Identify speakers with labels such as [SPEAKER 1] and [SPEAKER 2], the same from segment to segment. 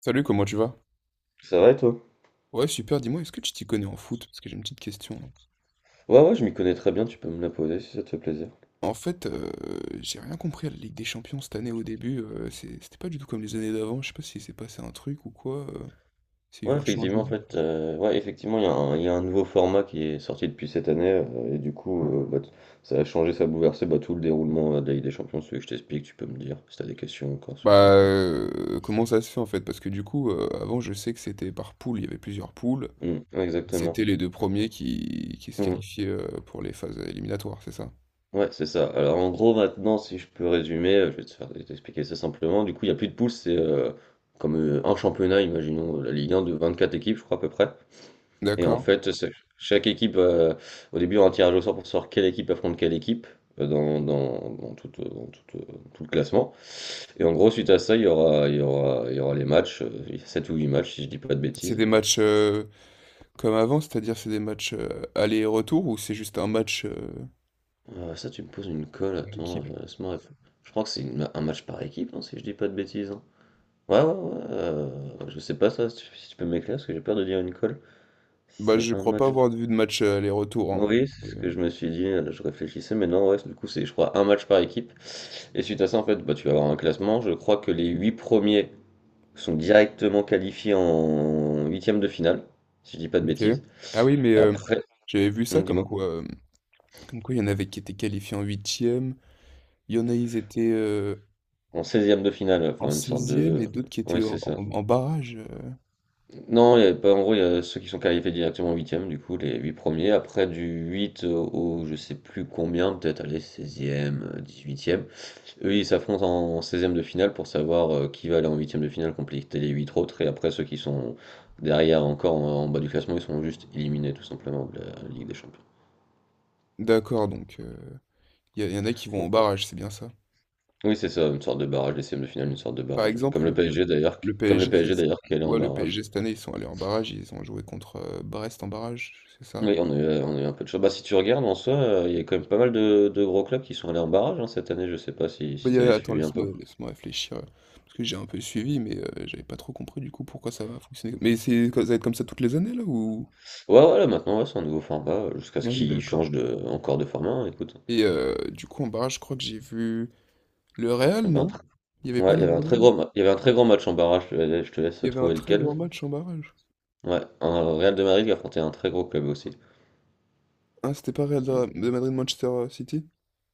[SPEAKER 1] Salut, comment tu vas?
[SPEAKER 2] C'est vrai, toi?
[SPEAKER 1] Ouais, super, dis-moi, est-ce que tu t'y connais en foot? Parce que j'ai une petite question là.
[SPEAKER 2] Ouais, ouais, je m'y connais très bien, tu peux me la poser si ça te fait plaisir.
[SPEAKER 1] En fait, j'ai rien compris à la Ligue des Champions cette année au début. C'était pas du tout comme les années d'avant. Je sais pas s'il s'est passé un truc ou quoi. S'il y a
[SPEAKER 2] Ouais,
[SPEAKER 1] eu un
[SPEAKER 2] effectivement, en
[SPEAKER 1] changement.
[SPEAKER 2] fait, ouais, effectivement, il y a un nouveau format qui est sorti depuis cette année, et du coup, bah, ça a changé, ça a bouleversé bah, tout le déroulement de la Ligue des Champions, celui que je t'explique, tu peux me dire si t'as des questions encore sur ça.
[SPEAKER 1] Bah, comment ça se fait en fait? Parce que du coup, avant, je sais que c'était par poule. Il y avait plusieurs poules.
[SPEAKER 2] Mm, ouais, exactement.
[SPEAKER 1] C'était les deux premiers qui se
[SPEAKER 2] Mm.
[SPEAKER 1] qualifiaient pour les phases éliminatoires, c'est ça?
[SPEAKER 2] Ouais, c'est ça. Alors, en gros, maintenant, si je peux résumer, je vais t'expliquer ça simplement. Du coup, il n'y a plus de poules, c'est comme un championnat, imaginons la Ligue 1 de 24 équipes, je crois, à peu près. Et en
[SPEAKER 1] D'accord.
[SPEAKER 2] fait, chaque équipe, au début, on a un tirage au sort pour savoir quelle équipe affronte quelle équipe dans tout le classement. Et en gros, suite à ça, il y aura, il y aura, il y aura les matchs, 7 ou 8 matchs, si je dis pas de
[SPEAKER 1] C'est
[SPEAKER 2] bêtises.
[SPEAKER 1] des matchs comme avant, c'est-à-dire c'est des matchs aller et retour, ou c'est juste un match
[SPEAKER 2] Ça, tu me poses une colle,
[SPEAKER 1] par
[SPEAKER 2] attends,
[SPEAKER 1] équipe.
[SPEAKER 2] laisse-moi. Je crois que c'est un match par équipe, non, si je dis pas de bêtises, hein. Ouais, ouais, ouais, je sais pas ça, si tu peux m'éclairer, parce que j'ai peur de dire une colle. Si
[SPEAKER 1] Bah, je
[SPEAKER 2] c'est un
[SPEAKER 1] crois pas
[SPEAKER 2] match.
[SPEAKER 1] avoir vu de match aller-retour, hein.
[SPEAKER 2] Oui, c'est ce
[SPEAKER 1] Et,
[SPEAKER 2] que je me suis dit, je réfléchissais, mais non, ouais, du coup, c'est, je crois, un match par équipe. Et suite à ça, en fait, bah, tu vas avoir un classement. Je crois que les huit premiers sont directement qualifiés en huitième de finale, si je dis pas de
[SPEAKER 1] ok.
[SPEAKER 2] bêtises.
[SPEAKER 1] Ah oui, mais
[SPEAKER 2] Après,
[SPEAKER 1] j'avais vu
[SPEAKER 2] on
[SPEAKER 1] ça
[SPEAKER 2] dis-moi,
[SPEAKER 1] comme quoi il y en avait qui étaient qualifiés en huitième, il y en a ils étaient
[SPEAKER 2] en seizième de finale,
[SPEAKER 1] en
[SPEAKER 2] enfin, une sorte de.
[SPEAKER 1] 16 et d'autres qui étaient
[SPEAKER 2] Oui, c'est ça.
[SPEAKER 1] en barrage.
[SPEAKER 2] Non, il y a pas, en gros, il y a ceux qui sont qualifiés directement en huitième, du coup, les huit premiers. Après, du 8 au, je sais plus combien, peut-être, aller seizième, dix-huitième. Eux, ils s'affrontent en seizième de finale pour savoir qui va aller en huitième de finale compléter les 8 autres. Et après, ceux qui sont derrière encore en bas du classement, ils sont juste éliminés tout simplement de la Ligue des Champions.
[SPEAKER 1] D'accord, donc il y en a qui vont en
[SPEAKER 2] Donc,
[SPEAKER 1] barrage, c'est bien ça.
[SPEAKER 2] oui, c'est ça, une sorte de barrage, les seizièmes de finale, une sorte de
[SPEAKER 1] Par
[SPEAKER 2] barrage, oui. Comme
[SPEAKER 1] exemple,
[SPEAKER 2] le PSG d'ailleurs,
[SPEAKER 1] le, le
[SPEAKER 2] comme le
[SPEAKER 1] PSG,
[SPEAKER 2] PSG
[SPEAKER 1] c'est-
[SPEAKER 2] d'ailleurs qui allait en
[SPEAKER 1] ouais, le PSG
[SPEAKER 2] barrage.
[SPEAKER 1] cette année ils sont allés en barrage, ils ont joué contre Brest en barrage, c'est ça?
[SPEAKER 2] Oui, on a eu un peu de chance. Bah, si tu regardes en soi, il y a quand même pas mal de gros clubs qui sont allés en barrage, hein, cette année. Je sais pas si,
[SPEAKER 1] Bah,
[SPEAKER 2] si
[SPEAKER 1] il
[SPEAKER 2] tu avais
[SPEAKER 1] attends,
[SPEAKER 2] suivi un peu.
[SPEAKER 1] laisse-moi réfléchir, parce que j'ai un peu suivi, mais j'avais pas trop compris du coup pourquoi ça va fonctionner. Mais c'est ça va être comme ça toutes les années là ou?
[SPEAKER 2] Ouais, voilà, maintenant, ouais, c'est un nouveau format, jusqu'à ce
[SPEAKER 1] Ah oui,
[SPEAKER 2] qu'ils changent
[SPEAKER 1] d'accord.
[SPEAKER 2] de, encore de format, hein, écoute.
[SPEAKER 1] Et du coup en barrage, je crois que j'ai vu le Real,
[SPEAKER 2] Bah,
[SPEAKER 1] non? Il y avait
[SPEAKER 2] ouais,
[SPEAKER 1] pas
[SPEAKER 2] il
[SPEAKER 1] le
[SPEAKER 2] y avait un très
[SPEAKER 1] Real?
[SPEAKER 2] gros, il y avait un très gros match en barrage, je te laisse
[SPEAKER 1] Il y avait un
[SPEAKER 2] trouver
[SPEAKER 1] très
[SPEAKER 2] lequel.
[SPEAKER 1] grand match en barrage.
[SPEAKER 2] Ouais, un Real de Madrid qui affrontait un très gros club aussi.
[SPEAKER 1] Ah c'était pas Real
[SPEAKER 2] Mm.
[SPEAKER 1] de Madrid-Manchester City?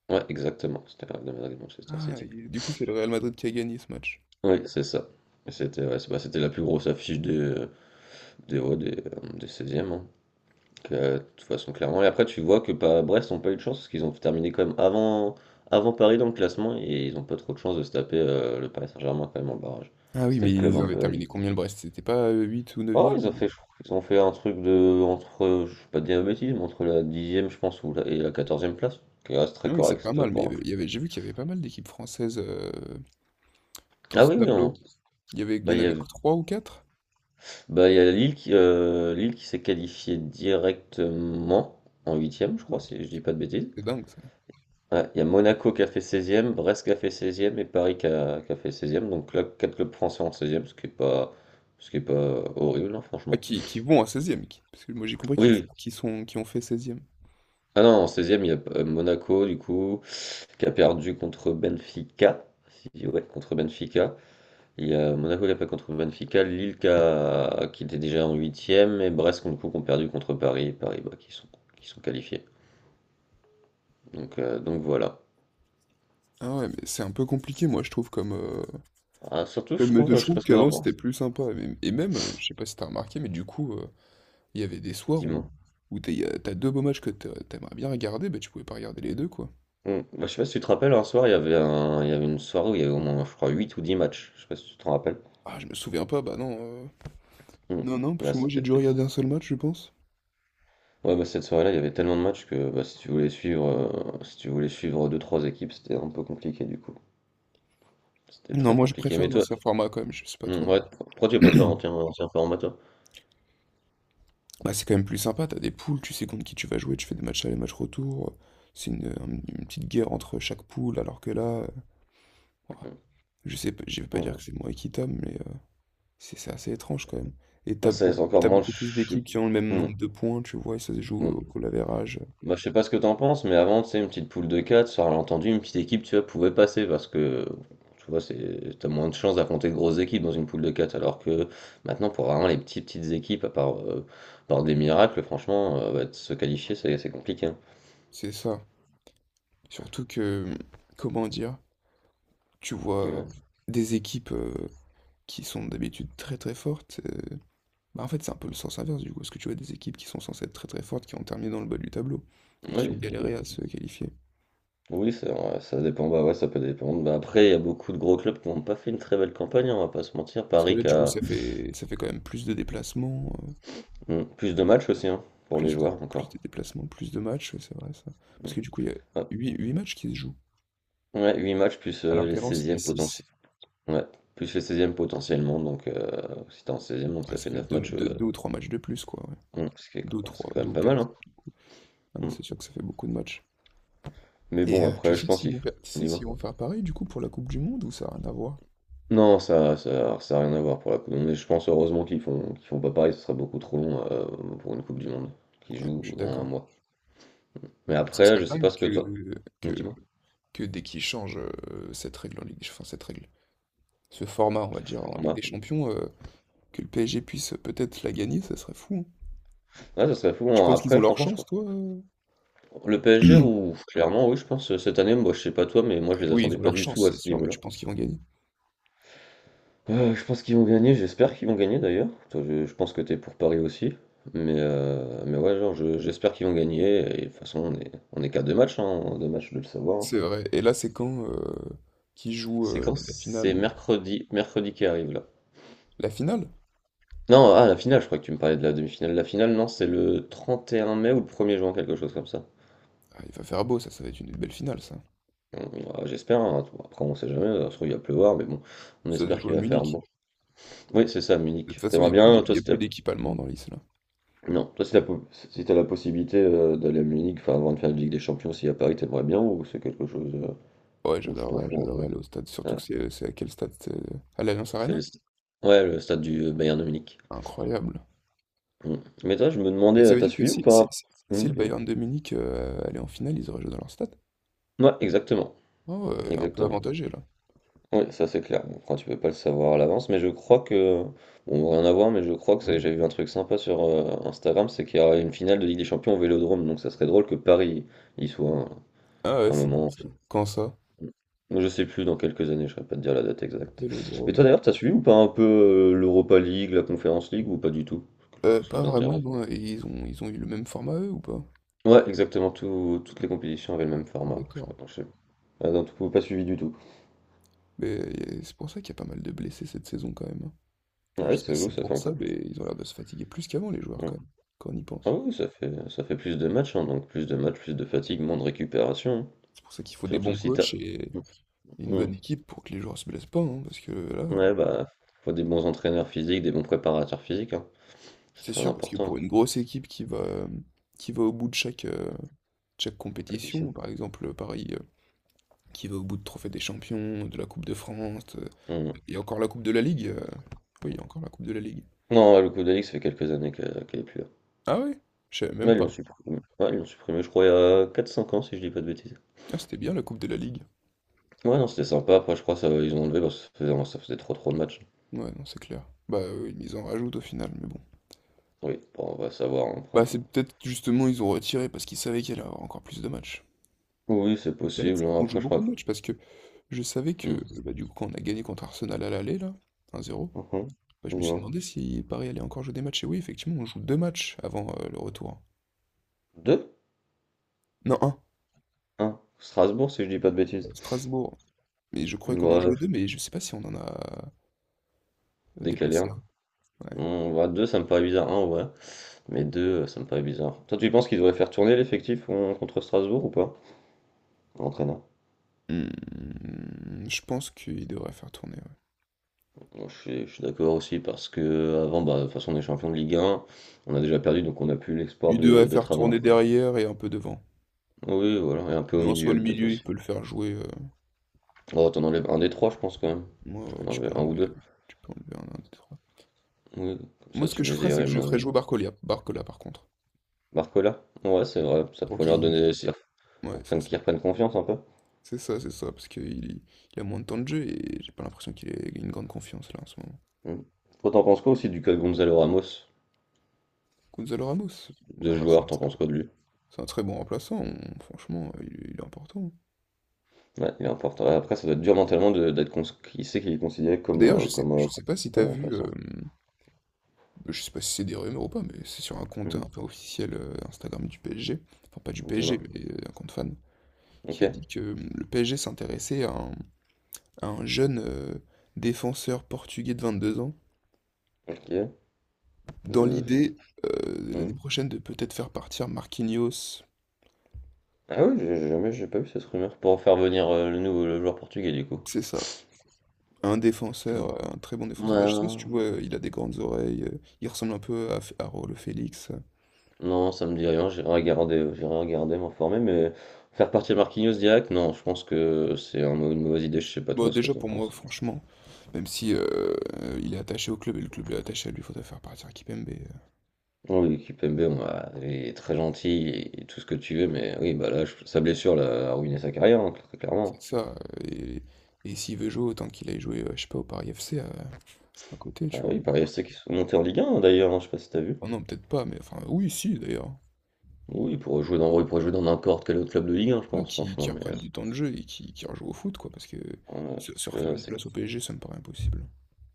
[SPEAKER 2] Ouais, exactement, c'était le Real de Madrid Manchester
[SPEAKER 1] Ah
[SPEAKER 2] City.
[SPEAKER 1] et du coup c'est le Real Madrid qui a gagné ce match.
[SPEAKER 2] Oui, c'est ça. Et c'était, ouais, bah, c'était la plus grosse affiche des seizièmes, e hein, que, de toute façon, clairement. Et après, tu vois que pas, Brest n'ont pas eu de chance, parce qu'ils ont terminé quand même avant Paris dans le classement, et ils n'ont pas trop de chance de se taper le Paris Saint-Germain quand même en barrage.
[SPEAKER 1] Ah oui,
[SPEAKER 2] C'était
[SPEAKER 1] mais
[SPEAKER 2] le club
[SPEAKER 1] ils
[SPEAKER 2] un
[SPEAKER 1] avaient
[SPEAKER 2] peu à.
[SPEAKER 1] terminé combien le Brest? C'était pas, 8 ou
[SPEAKER 2] Oh, ils ont
[SPEAKER 1] 9e?
[SPEAKER 2] fait, je crois qu'ils ont fait un truc de, entre, je vais pas te dire de bêtises, mais entre la dixième, je pense, et la quatorzième place, qui reste très
[SPEAKER 1] Ah oui c'est
[SPEAKER 2] correct
[SPEAKER 1] pas mal, mais il y
[SPEAKER 2] pour un
[SPEAKER 1] avait
[SPEAKER 2] club.
[SPEAKER 1] il y avait j'ai vu qu'il y avait pas mal d'équipes françaises, dans
[SPEAKER 2] Ah
[SPEAKER 1] ce
[SPEAKER 2] oui, mais
[SPEAKER 1] tableau. Il y
[SPEAKER 2] bah,
[SPEAKER 1] en
[SPEAKER 2] il y
[SPEAKER 1] avait
[SPEAKER 2] a,
[SPEAKER 1] que 3 ou quatre.
[SPEAKER 2] bah, il y a Lille qui s'est qualifiée directement en huitième, je
[SPEAKER 1] Non.
[SPEAKER 2] crois, si je dis pas de bêtises.
[SPEAKER 1] C'est dingue ça.
[SPEAKER 2] Ouais, il y a Monaco qui a fait seizième, Brest qui a fait seizième, et Paris qui a fait seizième. Donc là, 4 clubs français en seizième, ce qui est pas horrible, hein,
[SPEAKER 1] Ah
[SPEAKER 2] franchement.
[SPEAKER 1] qui vont à seizième parce que moi j'ai compris
[SPEAKER 2] Oui, oui.
[SPEAKER 1] qu'ils sont qui ont fait seizième.
[SPEAKER 2] Ah non, en seizième il y a Monaco, du coup, qui a perdu contre Benfica. Si, ouais, contre Benfica. Il y a Monaco qui a perdu contre Benfica, Lille qui était déjà en huitième, et Brest, du coup, qui ont perdu contre Paris, et Paris, bah, qui sont qualifiés. Donc voilà.
[SPEAKER 1] Ah ouais, mais c'est un peu compliqué moi je trouve comme
[SPEAKER 2] Ah, surtout, je
[SPEAKER 1] comme
[SPEAKER 2] trouve,
[SPEAKER 1] je
[SPEAKER 2] je sais
[SPEAKER 1] trouve
[SPEAKER 2] pas ce que t'en
[SPEAKER 1] qu'avant c'était
[SPEAKER 2] penses,
[SPEAKER 1] plus sympa mais- et même je sais pas si t'as remarqué mais du coup il y avait des soirs où
[SPEAKER 2] dis-moi.
[SPEAKER 1] t'as deux beaux matchs que t'aimerais bien regarder bah tu pouvais pas regarder les deux quoi.
[SPEAKER 2] Mm. Bah, je sais pas si tu te rappelles, un soir, il y avait une soirée où il y avait au moins, je crois, 8 ou 10 matchs. Je sais pas si tu te rappelles.
[SPEAKER 1] Ah je me souviens pas bah non
[SPEAKER 2] Mm.
[SPEAKER 1] non non parce
[SPEAKER 2] Là,
[SPEAKER 1] que moi j'ai
[SPEAKER 2] c'était.
[SPEAKER 1] dû regarder un seul match je pense.
[SPEAKER 2] Ouais, bah, cette soirée-là, il y avait tellement de matchs que bah, si tu voulais suivre deux, trois équipes, c'était un peu compliqué du coup. C'était
[SPEAKER 1] Non
[SPEAKER 2] très
[SPEAKER 1] moi je
[SPEAKER 2] compliqué.
[SPEAKER 1] préfère
[SPEAKER 2] Mais toi,
[SPEAKER 1] l'ancien format quand même, je sais pas
[SPEAKER 2] hmm,
[SPEAKER 1] toi.
[SPEAKER 2] ouais, pourquoi tu préfères l'ancien format, toi?
[SPEAKER 1] Bah, c'est quand même plus sympa, t'as des poules, tu sais contre qui tu vas jouer, tu fais des matchs aller, matchs retour. C'est une petite guerre entre chaque poule, alors que là, ouah, je sais pas, je vais pas
[SPEAKER 2] Hmm.
[SPEAKER 1] dire que c'est moins équitable, mais c'est assez étrange quand même. Et
[SPEAKER 2] Bah, ça laisse encore
[SPEAKER 1] t'as
[SPEAKER 2] moins. Je
[SPEAKER 1] beaucoup plus
[SPEAKER 2] suis-
[SPEAKER 1] d'équipes qui ont le même
[SPEAKER 2] hmm,
[SPEAKER 1] nombre de points, tu vois, et ça se joue
[SPEAKER 2] hmm.
[SPEAKER 1] au goal average.
[SPEAKER 2] Bah, je sais pas ce que t'en penses, mais avant, tu sais, une petite poule de 4 sur l'entendu, une petite équipe, tu vois, pouvait passer parce que, tu vois, c'est, t'as moins de chances d'affronter de grosses équipes dans une poule de quatre, alors que maintenant, pour vraiment les petites, petites équipes, à part, par des miracles, franchement, bah, de se qualifier, c'est compliqué, hein.
[SPEAKER 1] C'est ça. Surtout que, comment dire, tu vois
[SPEAKER 2] Dis-moi.
[SPEAKER 1] des équipes qui sont d'habitude très très fortes. Bah, en fait, c'est un peu le sens inverse du coup, parce que tu vois des équipes qui sont censées être très très fortes, qui ont terminé dans le bas du tableau et qui ont
[SPEAKER 2] Oui.
[SPEAKER 1] galéré à se qualifier.
[SPEAKER 2] Oui, c'est vrai, ça dépend, bah ouais, ça peut dépendre. Bah après, il y a beaucoup de gros clubs qui n'ont pas fait une très belle campagne, hein, on va pas se mentir.
[SPEAKER 1] Parce que
[SPEAKER 2] Paris
[SPEAKER 1] là,
[SPEAKER 2] qui
[SPEAKER 1] du coup,
[SPEAKER 2] a
[SPEAKER 1] ça fait quand même plus de déplacements,
[SPEAKER 2] plus de matchs aussi, hein, pour les joueurs
[SPEAKER 1] plus
[SPEAKER 2] encore.
[SPEAKER 1] de déplacements, plus de matchs, ouais, c'est vrai ça.
[SPEAKER 2] Hmm.
[SPEAKER 1] Parce que du coup, il y a
[SPEAKER 2] Ouais.
[SPEAKER 1] huit matchs qui se jouent,
[SPEAKER 2] Ouais, 8 matchs plus
[SPEAKER 1] alors
[SPEAKER 2] les
[SPEAKER 1] qu'avant c'était
[SPEAKER 2] seizièmes
[SPEAKER 1] six.
[SPEAKER 2] potentiels. Ouais, plus les seizièmes potentiellement, donc si t'es en seizième, donc
[SPEAKER 1] Ah
[SPEAKER 2] ça
[SPEAKER 1] ça
[SPEAKER 2] fait
[SPEAKER 1] fait
[SPEAKER 2] 9 matchs,
[SPEAKER 1] 2 ou 3 matchs de plus, quoi. Ouais.
[SPEAKER 2] hmm,
[SPEAKER 1] 2 ou
[SPEAKER 2] bah, ce qui
[SPEAKER 1] trois
[SPEAKER 2] est quand
[SPEAKER 1] 2
[SPEAKER 2] même
[SPEAKER 1] ou
[SPEAKER 2] pas mal,
[SPEAKER 1] quatre.
[SPEAKER 2] hein.
[SPEAKER 1] Ah non,
[SPEAKER 2] Hmm.
[SPEAKER 1] c'est sûr que ça fait beaucoup de matchs.
[SPEAKER 2] Mais
[SPEAKER 1] Et
[SPEAKER 2] bon, après, je pense qu'il faut.
[SPEAKER 1] tu sais s'ils
[SPEAKER 2] Dis-moi.
[SPEAKER 1] vont faire pareil du coup pour la Coupe du Monde ou ça n'a rien à voir?
[SPEAKER 2] Non, ça a rien à voir pour la Coupe du Monde. Mais je pense heureusement qu'ils font, pas pareil, ce serait beaucoup trop long pour une Coupe du Monde qui
[SPEAKER 1] Ouais,
[SPEAKER 2] joue
[SPEAKER 1] je suis
[SPEAKER 2] en un
[SPEAKER 1] d'accord.
[SPEAKER 2] mois. Mais
[SPEAKER 1] Mais ce
[SPEAKER 2] après,
[SPEAKER 1] serait
[SPEAKER 2] je sais pas
[SPEAKER 1] dingue
[SPEAKER 2] ce que toi.
[SPEAKER 1] que,
[SPEAKER 2] Dis-moi.
[SPEAKER 1] que dès qu'ils changent cette règle en Ligue des Ch- enfin cette règle, ce format, on va dire, en Ligue
[SPEAKER 2] Moi.
[SPEAKER 1] des Champions, que le PSG puisse peut-être la gagner, ça serait fou, hein.
[SPEAKER 2] Ouais, ça serait fou.
[SPEAKER 1] Tu
[SPEAKER 2] Bon
[SPEAKER 1] penses qu'ils ont
[SPEAKER 2] après,
[SPEAKER 1] leur
[SPEAKER 2] franchement, je
[SPEAKER 1] chance,
[SPEAKER 2] crois.
[SPEAKER 1] toi?
[SPEAKER 2] Le PSG, ou clairement, oui, je pense, cette année, moi, je sais pas toi, mais moi,
[SPEAKER 1] Ah
[SPEAKER 2] je les
[SPEAKER 1] oui, ils
[SPEAKER 2] attendais
[SPEAKER 1] ont
[SPEAKER 2] pas
[SPEAKER 1] leur
[SPEAKER 2] du tout
[SPEAKER 1] chance,
[SPEAKER 2] à
[SPEAKER 1] c'est
[SPEAKER 2] ce
[SPEAKER 1] sûr, mais
[SPEAKER 2] niveau-là.
[SPEAKER 1] tu penses qu'ils vont gagner?
[SPEAKER 2] Je pense qu'ils vont gagner, j'espère qu'ils vont gagner d'ailleurs. Toi, je pense que t'es pour Paris aussi. Mais ouais, genre, j'espère qu'ils vont gagner. Et de toute façon, on est qu'à deux matchs, hein, deux matchs, de le savoir, hein.
[SPEAKER 1] C'est vrai. Et là, c'est quand qui joue
[SPEAKER 2] C'est quand?
[SPEAKER 1] la
[SPEAKER 2] C'est
[SPEAKER 1] finale?
[SPEAKER 2] mercredi, mercredi qui arrive là.
[SPEAKER 1] La finale?
[SPEAKER 2] Non, ah, la finale, je crois que tu me parlais de la demi-finale. La finale, non, c'est le 31 mai ou le 1er juin, quelque chose comme ça.
[SPEAKER 1] Ah, il va faire beau, ça va être une belle finale, ça.
[SPEAKER 2] Bon, ouais, j'espère, hein. Après on sait jamais, ça se trouve il va pleuvoir, mais bon, on
[SPEAKER 1] Ça se
[SPEAKER 2] espère
[SPEAKER 1] joue à
[SPEAKER 2] qu'il va faire
[SPEAKER 1] Munich.
[SPEAKER 2] bon. Oui, c'est ça,
[SPEAKER 1] De
[SPEAKER 2] Munich.
[SPEAKER 1] toute façon,
[SPEAKER 2] T'aimerais bien,
[SPEAKER 1] il
[SPEAKER 2] toi
[SPEAKER 1] y a
[SPEAKER 2] si
[SPEAKER 1] plus
[SPEAKER 2] t'as,
[SPEAKER 1] d'équipe allemande dans l'Is, là.
[SPEAKER 2] non, toi si t'as la possibilité d'aller à Munich, enfin avant de faire la Ligue des Champions, si à Paris, t'aimerais bien ou c'est quelque chose
[SPEAKER 1] Ouais,
[SPEAKER 2] où tu t'en fous un
[SPEAKER 1] j'adorerais aller au stade.
[SPEAKER 2] peu?
[SPEAKER 1] Surtout
[SPEAKER 2] Ouais,
[SPEAKER 1] que c'est à quel stade? C'est à l'Allianz
[SPEAKER 2] c'est
[SPEAKER 1] Arena?
[SPEAKER 2] le... st- ouais, le stade du Bayern de Munich.
[SPEAKER 1] Incroyable.
[SPEAKER 2] Mm. Mais toi, je me demandais,
[SPEAKER 1] Mais ça veut
[SPEAKER 2] t'as
[SPEAKER 1] dire que
[SPEAKER 2] suivi ou pas? Mm,
[SPEAKER 1] si le
[SPEAKER 2] dis-moi.
[SPEAKER 1] Bayern de Munich allait en finale, ils auraient joué dans leur stade?
[SPEAKER 2] Ouais, exactement,
[SPEAKER 1] Oh, ouais, un peu
[SPEAKER 2] exactement.
[SPEAKER 1] avantagé là.
[SPEAKER 2] Oui, ça c'est clair. Bon, après, tu peux pas le savoir à l'avance, mais je crois que. Bon, rien à voir, mais je crois que j'ai vu un truc sympa sur Instagram, c'est qu'il y aura une finale de Ligue des Champions au Vélodrome, donc ça serait drôle que Paris y soit
[SPEAKER 1] Ah ouais,
[SPEAKER 2] un
[SPEAKER 1] c'est dingue
[SPEAKER 2] moment.
[SPEAKER 1] ça. Quand ça?
[SPEAKER 2] Je sais plus dans quelques années, je ne saurais pas te dire la date exacte. Mais
[SPEAKER 1] Vélodrome.
[SPEAKER 2] toi d'ailleurs, t'as suivi ou pas un peu l'Europa League, la Conference League, ou pas du tout? Quelque chose qui
[SPEAKER 1] Pas vraiment,
[SPEAKER 2] t'intéresse?
[SPEAKER 1] non. Et ils ont, ils ont eu le même format eux ou pas?
[SPEAKER 2] Ouais, exactement, toutes les compétitions avaient le même
[SPEAKER 1] Ah,
[SPEAKER 2] format. Je
[SPEAKER 1] d'accord.
[SPEAKER 2] sais pas, pas. Ah non, tu pas suivi du tout.
[SPEAKER 1] Mais c'est pour ça qu'il y a pas mal de blessés cette saison quand même, hein.
[SPEAKER 2] Ah
[SPEAKER 1] Enfin, je
[SPEAKER 2] ouais,
[SPEAKER 1] sais pas
[SPEAKER 2] ça
[SPEAKER 1] si
[SPEAKER 2] joue,
[SPEAKER 1] c'est
[SPEAKER 2] ça fait
[SPEAKER 1] pour ça,
[SPEAKER 2] encore.
[SPEAKER 1] mais ils ont l'air de se fatiguer plus qu'avant les joueurs
[SPEAKER 2] Ouais.
[SPEAKER 1] quand même, quand on y
[SPEAKER 2] Ah
[SPEAKER 1] pense.
[SPEAKER 2] oui, ça fait plus de matchs, hein, donc plus de matchs, plus de fatigue, moins de récupération, hein.
[SPEAKER 1] C'est pour ça qu'il faut des
[SPEAKER 2] Surtout
[SPEAKER 1] bons
[SPEAKER 2] si t'as.
[SPEAKER 1] coachs et
[SPEAKER 2] Mm,
[SPEAKER 1] une
[SPEAKER 2] mm.
[SPEAKER 1] bonne équipe pour que les joueurs se blessent pas, hein, parce que là,
[SPEAKER 2] Ouais, bah, faut des bons entraîneurs physiques, des bons préparateurs physiques, hein. C'est
[SPEAKER 1] c'est
[SPEAKER 2] très
[SPEAKER 1] sûr, parce que
[SPEAKER 2] important,
[SPEAKER 1] pour
[SPEAKER 2] hein,
[SPEAKER 1] une
[SPEAKER 2] cette
[SPEAKER 1] grosse équipe qui va au bout de chaque, chaque compétition,
[SPEAKER 2] compétition.
[SPEAKER 1] par exemple Paris qui va au bout de Trophée des Champions, de la Coupe de France,
[SPEAKER 2] Mm.
[SPEAKER 1] et encore la Coupe de la Ligue. Oui, il y a encore la Coupe de la Ligue.
[SPEAKER 2] Non, ouais, le coup d'Alix, ça fait quelques années qu'elle est plus là.
[SPEAKER 1] Ah ouais? Je savais
[SPEAKER 2] Ouais,
[SPEAKER 1] même
[SPEAKER 2] ils l'ont
[SPEAKER 1] pas.
[SPEAKER 2] supprimé. Ouais, ils l'ont supprimé, je crois, il y a 4-5 ans, si je dis pas de bêtises.
[SPEAKER 1] Ah, c'était bien la Coupe de la Ligue.
[SPEAKER 2] Ouais, non, c'était sympa. Après, je crois que ça ils ont enlevé parce que ça faisait trop trop de matchs.
[SPEAKER 1] Ouais, non, c'est clair. Bah oui, mais ils en rajoutent au final, mais bon.
[SPEAKER 2] Oui, bon, on va savoir hein, après,
[SPEAKER 1] Bah
[SPEAKER 2] hein.
[SPEAKER 1] c'est peut-être justement ils ont retiré parce qu'ils savaient qu'il y allait y avoir encore plus de matchs.
[SPEAKER 2] Oui, c'est
[SPEAKER 1] Mais là,
[SPEAKER 2] possible,
[SPEAKER 1] ça
[SPEAKER 2] hein.
[SPEAKER 1] qu'on joue
[SPEAKER 2] Après, je
[SPEAKER 1] beaucoup
[SPEAKER 2] crois
[SPEAKER 1] de
[SPEAKER 2] que.
[SPEAKER 1] matchs parce que je savais que
[SPEAKER 2] Hmm.
[SPEAKER 1] bah, du coup quand on a gagné contre Arsenal à l'aller là, un zéro,
[SPEAKER 2] Mhm.
[SPEAKER 1] bah, je me suis
[SPEAKER 2] Dis-moi.
[SPEAKER 1] demandé si Paris allait encore jouer des matchs. Et oui, effectivement, on joue deux matchs avant le retour.
[SPEAKER 2] Deux?
[SPEAKER 1] Non, un.
[SPEAKER 2] Un Strasbourg, si je dis pas de bêtises.
[SPEAKER 1] Strasbourg. Mais je croyais qu'on en
[SPEAKER 2] Ouais,
[SPEAKER 1] jouait 2, mais je sais pas si on en a
[SPEAKER 2] décalé
[SPEAKER 1] déplacé
[SPEAKER 2] un.
[SPEAKER 1] un. Ouais.
[SPEAKER 2] On va 2 ça me paraît bizarre, un ouais. Mais 2, ça me paraît bizarre. Toi, tu penses qu'il devrait faire tourner l'effectif contre Strasbourg ou pas? Entraîneur.
[SPEAKER 1] Hmm, je pense qu'il devrait faire tourner, ouais.
[SPEAKER 2] Bon, je suis d'accord aussi parce que avant, bah, de toute façon, on est champion de Ligue un. On a déjà perdu, donc on n'a plus l'espoir
[SPEAKER 1] Il
[SPEAKER 2] de
[SPEAKER 1] devrait faire
[SPEAKER 2] d'être avant.
[SPEAKER 1] tourner derrière et un peu devant.
[SPEAKER 2] Oui, voilà. Et un peu
[SPEAKER 1] Mais
[SPEAKER 2] au
[SPEAKER 1] en soi, le
[SPEAKER 2] milieu, peut-être
[SPEAKER 1] milieu, il
[SPEAKER 2] aussi.
[SPEAKER 1] peut le faire jouer.
[SPEAKER 2] Oh, t'en enlèves un des trois, je pense, quand même.
[SPEAKER 1] Moi,
[SPEAKER 2] Je peux
[SPEAKER 1] ouais,
[SPEAKER 2] en enlever un ou deux.
[SPEAKER 1] tu peux enlever un des trois.
[SPEAKER 2] Oui, comme
[SPEAKER 1] Moi,
[SPEAKER 2] ça,
[SPEAKER 1] ce que
[SPEAKER 2] tu
[SPEAKER 1] je
[SPEAKER 2] mets
[SPEAKER 1] ferais, c'est que je ferais
[SPEAKER 2] Zérim.
[SPEAKER 1] jouer Barcola, par contre.
[SPEAKER 2] Barcola? Ouais, c'est vrai. Ça
[SPEAKER 1] Pour
[SPEAKER 2] pourrait leur
[SPEAKER 1] qu'il...
[SPEAKER 2] donner...
[SPEAKER 1] Ouais,
[SPEAKER 2] Pour
[SPEAKER 1] c'est
[SPEAKER 2] prenne-
[SPEAKER 1] ça.
[SPEAKER 2] qu'ils reprennent confiance un peu.
[SPEAKER 1] C'est ça, c'est ça, parce qu'il il a moins de temps de jeu et j'ai pas l'impression qu'il ait une grande confiance, là, en ce moment.
[SPEAKER 2] Mm. Toi, t'en penses quoi aussi du cas de Gonzalo Ramos,
[SPEAKER 1] Gonzalo Ramos.
[SPEAKER 2] de
[SPEAKER 1] Bon,
[SPEAKER 2] ce
[SPEAKER 1] ouais,
[SPEAKER 2] joueur, t'en penses quoi de lui?
[SPEAKER 1] c'est un très bon remplaçant, on- franchement, il est important.
[SPEAKER 2] Ouais, il est important. Après, ça doit être dur mentalement d'être il sait qu'il est considéré
[SPEAKER 1] D'ailleurs, je sais pas si t'as
[SPEAKER 2] comme
[SPEAKER 1] vu,
[SPEAKER 2] remplaçant.
[SPEAKER 1] je sais pas si c'est des rumeurs ou pas, mais c'est sur un compte hein,
[SPEAKER 2] Mm.
[SPEAKER 1] un peu officiel Instagram du PSG, enfin pas du PSG,
[SPEAKER 2] Dis-moi.
[SPEAKER 1] mais un compte fan,
[SPEAKER 2] Ok.
[SPEAKER 1] qui a dit que le PSG s'intéressait à un jeune défenseur portugais de 22 ans,
[SPEAKER 2] Ok.
[SPEAKER 1] dans
[SPEAKER 2] Je...
[SPEAKER 1] l'idée l'année
[SPEAKER 2] mm.
[SPEAKER 1] prochaine de peut-être faire partir Marquinhos,
[SPEAKER 2] Ah oui, j'ai pas vu cette rumeur pour faire venir le joueur portugais du coup.
[SPEAKER 1] c'est ça, un défenseur, un très bon défenseur. Bah, je sais pas si
[SPEAKER 2] Ouais.
[SPEAKER 1] tu vois, il a des grandes oreilles, il ressemble un peu à, F- à Raoul Félix.
[SPEAKER 2] Non, ça me dit rien. J'ai regardé, m'informer, mais faire partir Marquinhos direct, non. Je pense que c'est une mauvaise idée. Je sais pas
[SPEAKER 1] Bon,
[SPEAKER 2] toi ce que
[SPEAKER 1] déjà
[SPEAKER 2] t'en
[SPEAKER 1] pour moi,
[SPEAKER 2] penses.
[SPEAKER 1] franchement, même si il est attaché au club et le club est attaché à lui, faut faudrait faire partir à Kipembe.
[SPEAKER 2] Oui, l'équipe MB, il est très gentil et tout ce que tu veux, mais oui, bah là, sa blessure l'a a ruiné sa carrière, hein, très clairement.
[SPEAKER 1] C'est ça. Et s'il veut jouer, autant qu'il aille jouer, je sais pas, au Paris FC à côté,
[SPEAKER 2] Ah
[SPEAKER 1] tu vois.
[SPEAKER 2] oui, Paris FC qui sont montés en Ligue 1 d'ailleurs, hein, je sais pas si t'as vu.
[SPEAKER 1] Oh non, peut-être pas, mais enfin, oui, si d'ailleurs. Il-
[SPEAKER 2] Oui, il pourrait jouer dans n'importe quel autre club de Ligue 1, je
[SPEAKER 1] voilà,
[SPEAKER 2] pense,
[SPEAKER 1] qui
[SPEAKER 2] franchement, mais
[SPEAKER 1] reprennent du temps de jeu et qui rejouent au foot, quoi, parce que
[SPEAKER 2] ouais,
[SPEAKER 1] se
[SPEAKER 2] parce que
[SPEAKER 1] refaire
[SPEAKER 2] là,
[SPEAKER 1] une
[SPEAKER 2] c'est
[SPEAKER 1] place au PSG, ça me paraît impossible.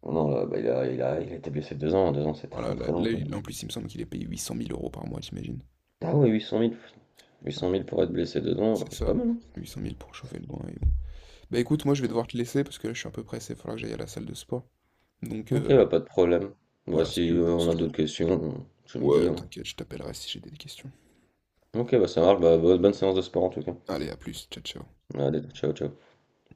[SPEAKER 2] non, là, bah, il a été blessé 2 ans, 2 ans, c'est très
[SPEAKER 1] Voilà,
[SPEAKER 2] très long quand même.
[SPEAKER 1] en plus, il me semble qu'il est payé 800 000 euros par mois, t'imagines?
[SPEAKER 2] Ah oui, 800 000, huit cent
[SPEAKER 1] Voilà,
[SPEAKER 2] mille pour être blessé 2 ans,
[SPEAKER 1] c'est
[SPEAKER 2] c'est pas
[SPEAKER 1] ça.
[SPEAKER 2] mal, hein.
[SPEAKER 1] 800 000 pour
[SPEAKER 2] C'est-
[SPEAKER 1] chauffer le banc et bon. Bah écoute, moi je vais
[SPEAKER 2] hmm.
[SPEAKER 1] devoir te laisser parce que là je suis un peu pressé, il va falloir que j'aille à la salle de sport. Donc
[SPEAKER 2] Ok, bah pas de problème. Bah
[SPEAKER 1] voilà, si tu
[SPEAKER 2] si
[SPEAKER 1] veux, si
[SPEAKER 2] on a
[SPEAKER 1] tu veux.
[SPEAKER 2] d'autres questions, tu me dis,
[SPEAKER 1] Ouais,
[SPEAKER 2] hein.
[SPEAKER 1] t'inquiète, je t'appellerai si j'ai des questions.
[SPEAKER 2] Ok, bah ça marche, bah bonne séance de sport en tout cas.
[SPEAKER 1] Allez, à plus, ciao ciao.
[SPEAKER 2] Allez, ciao, ciao.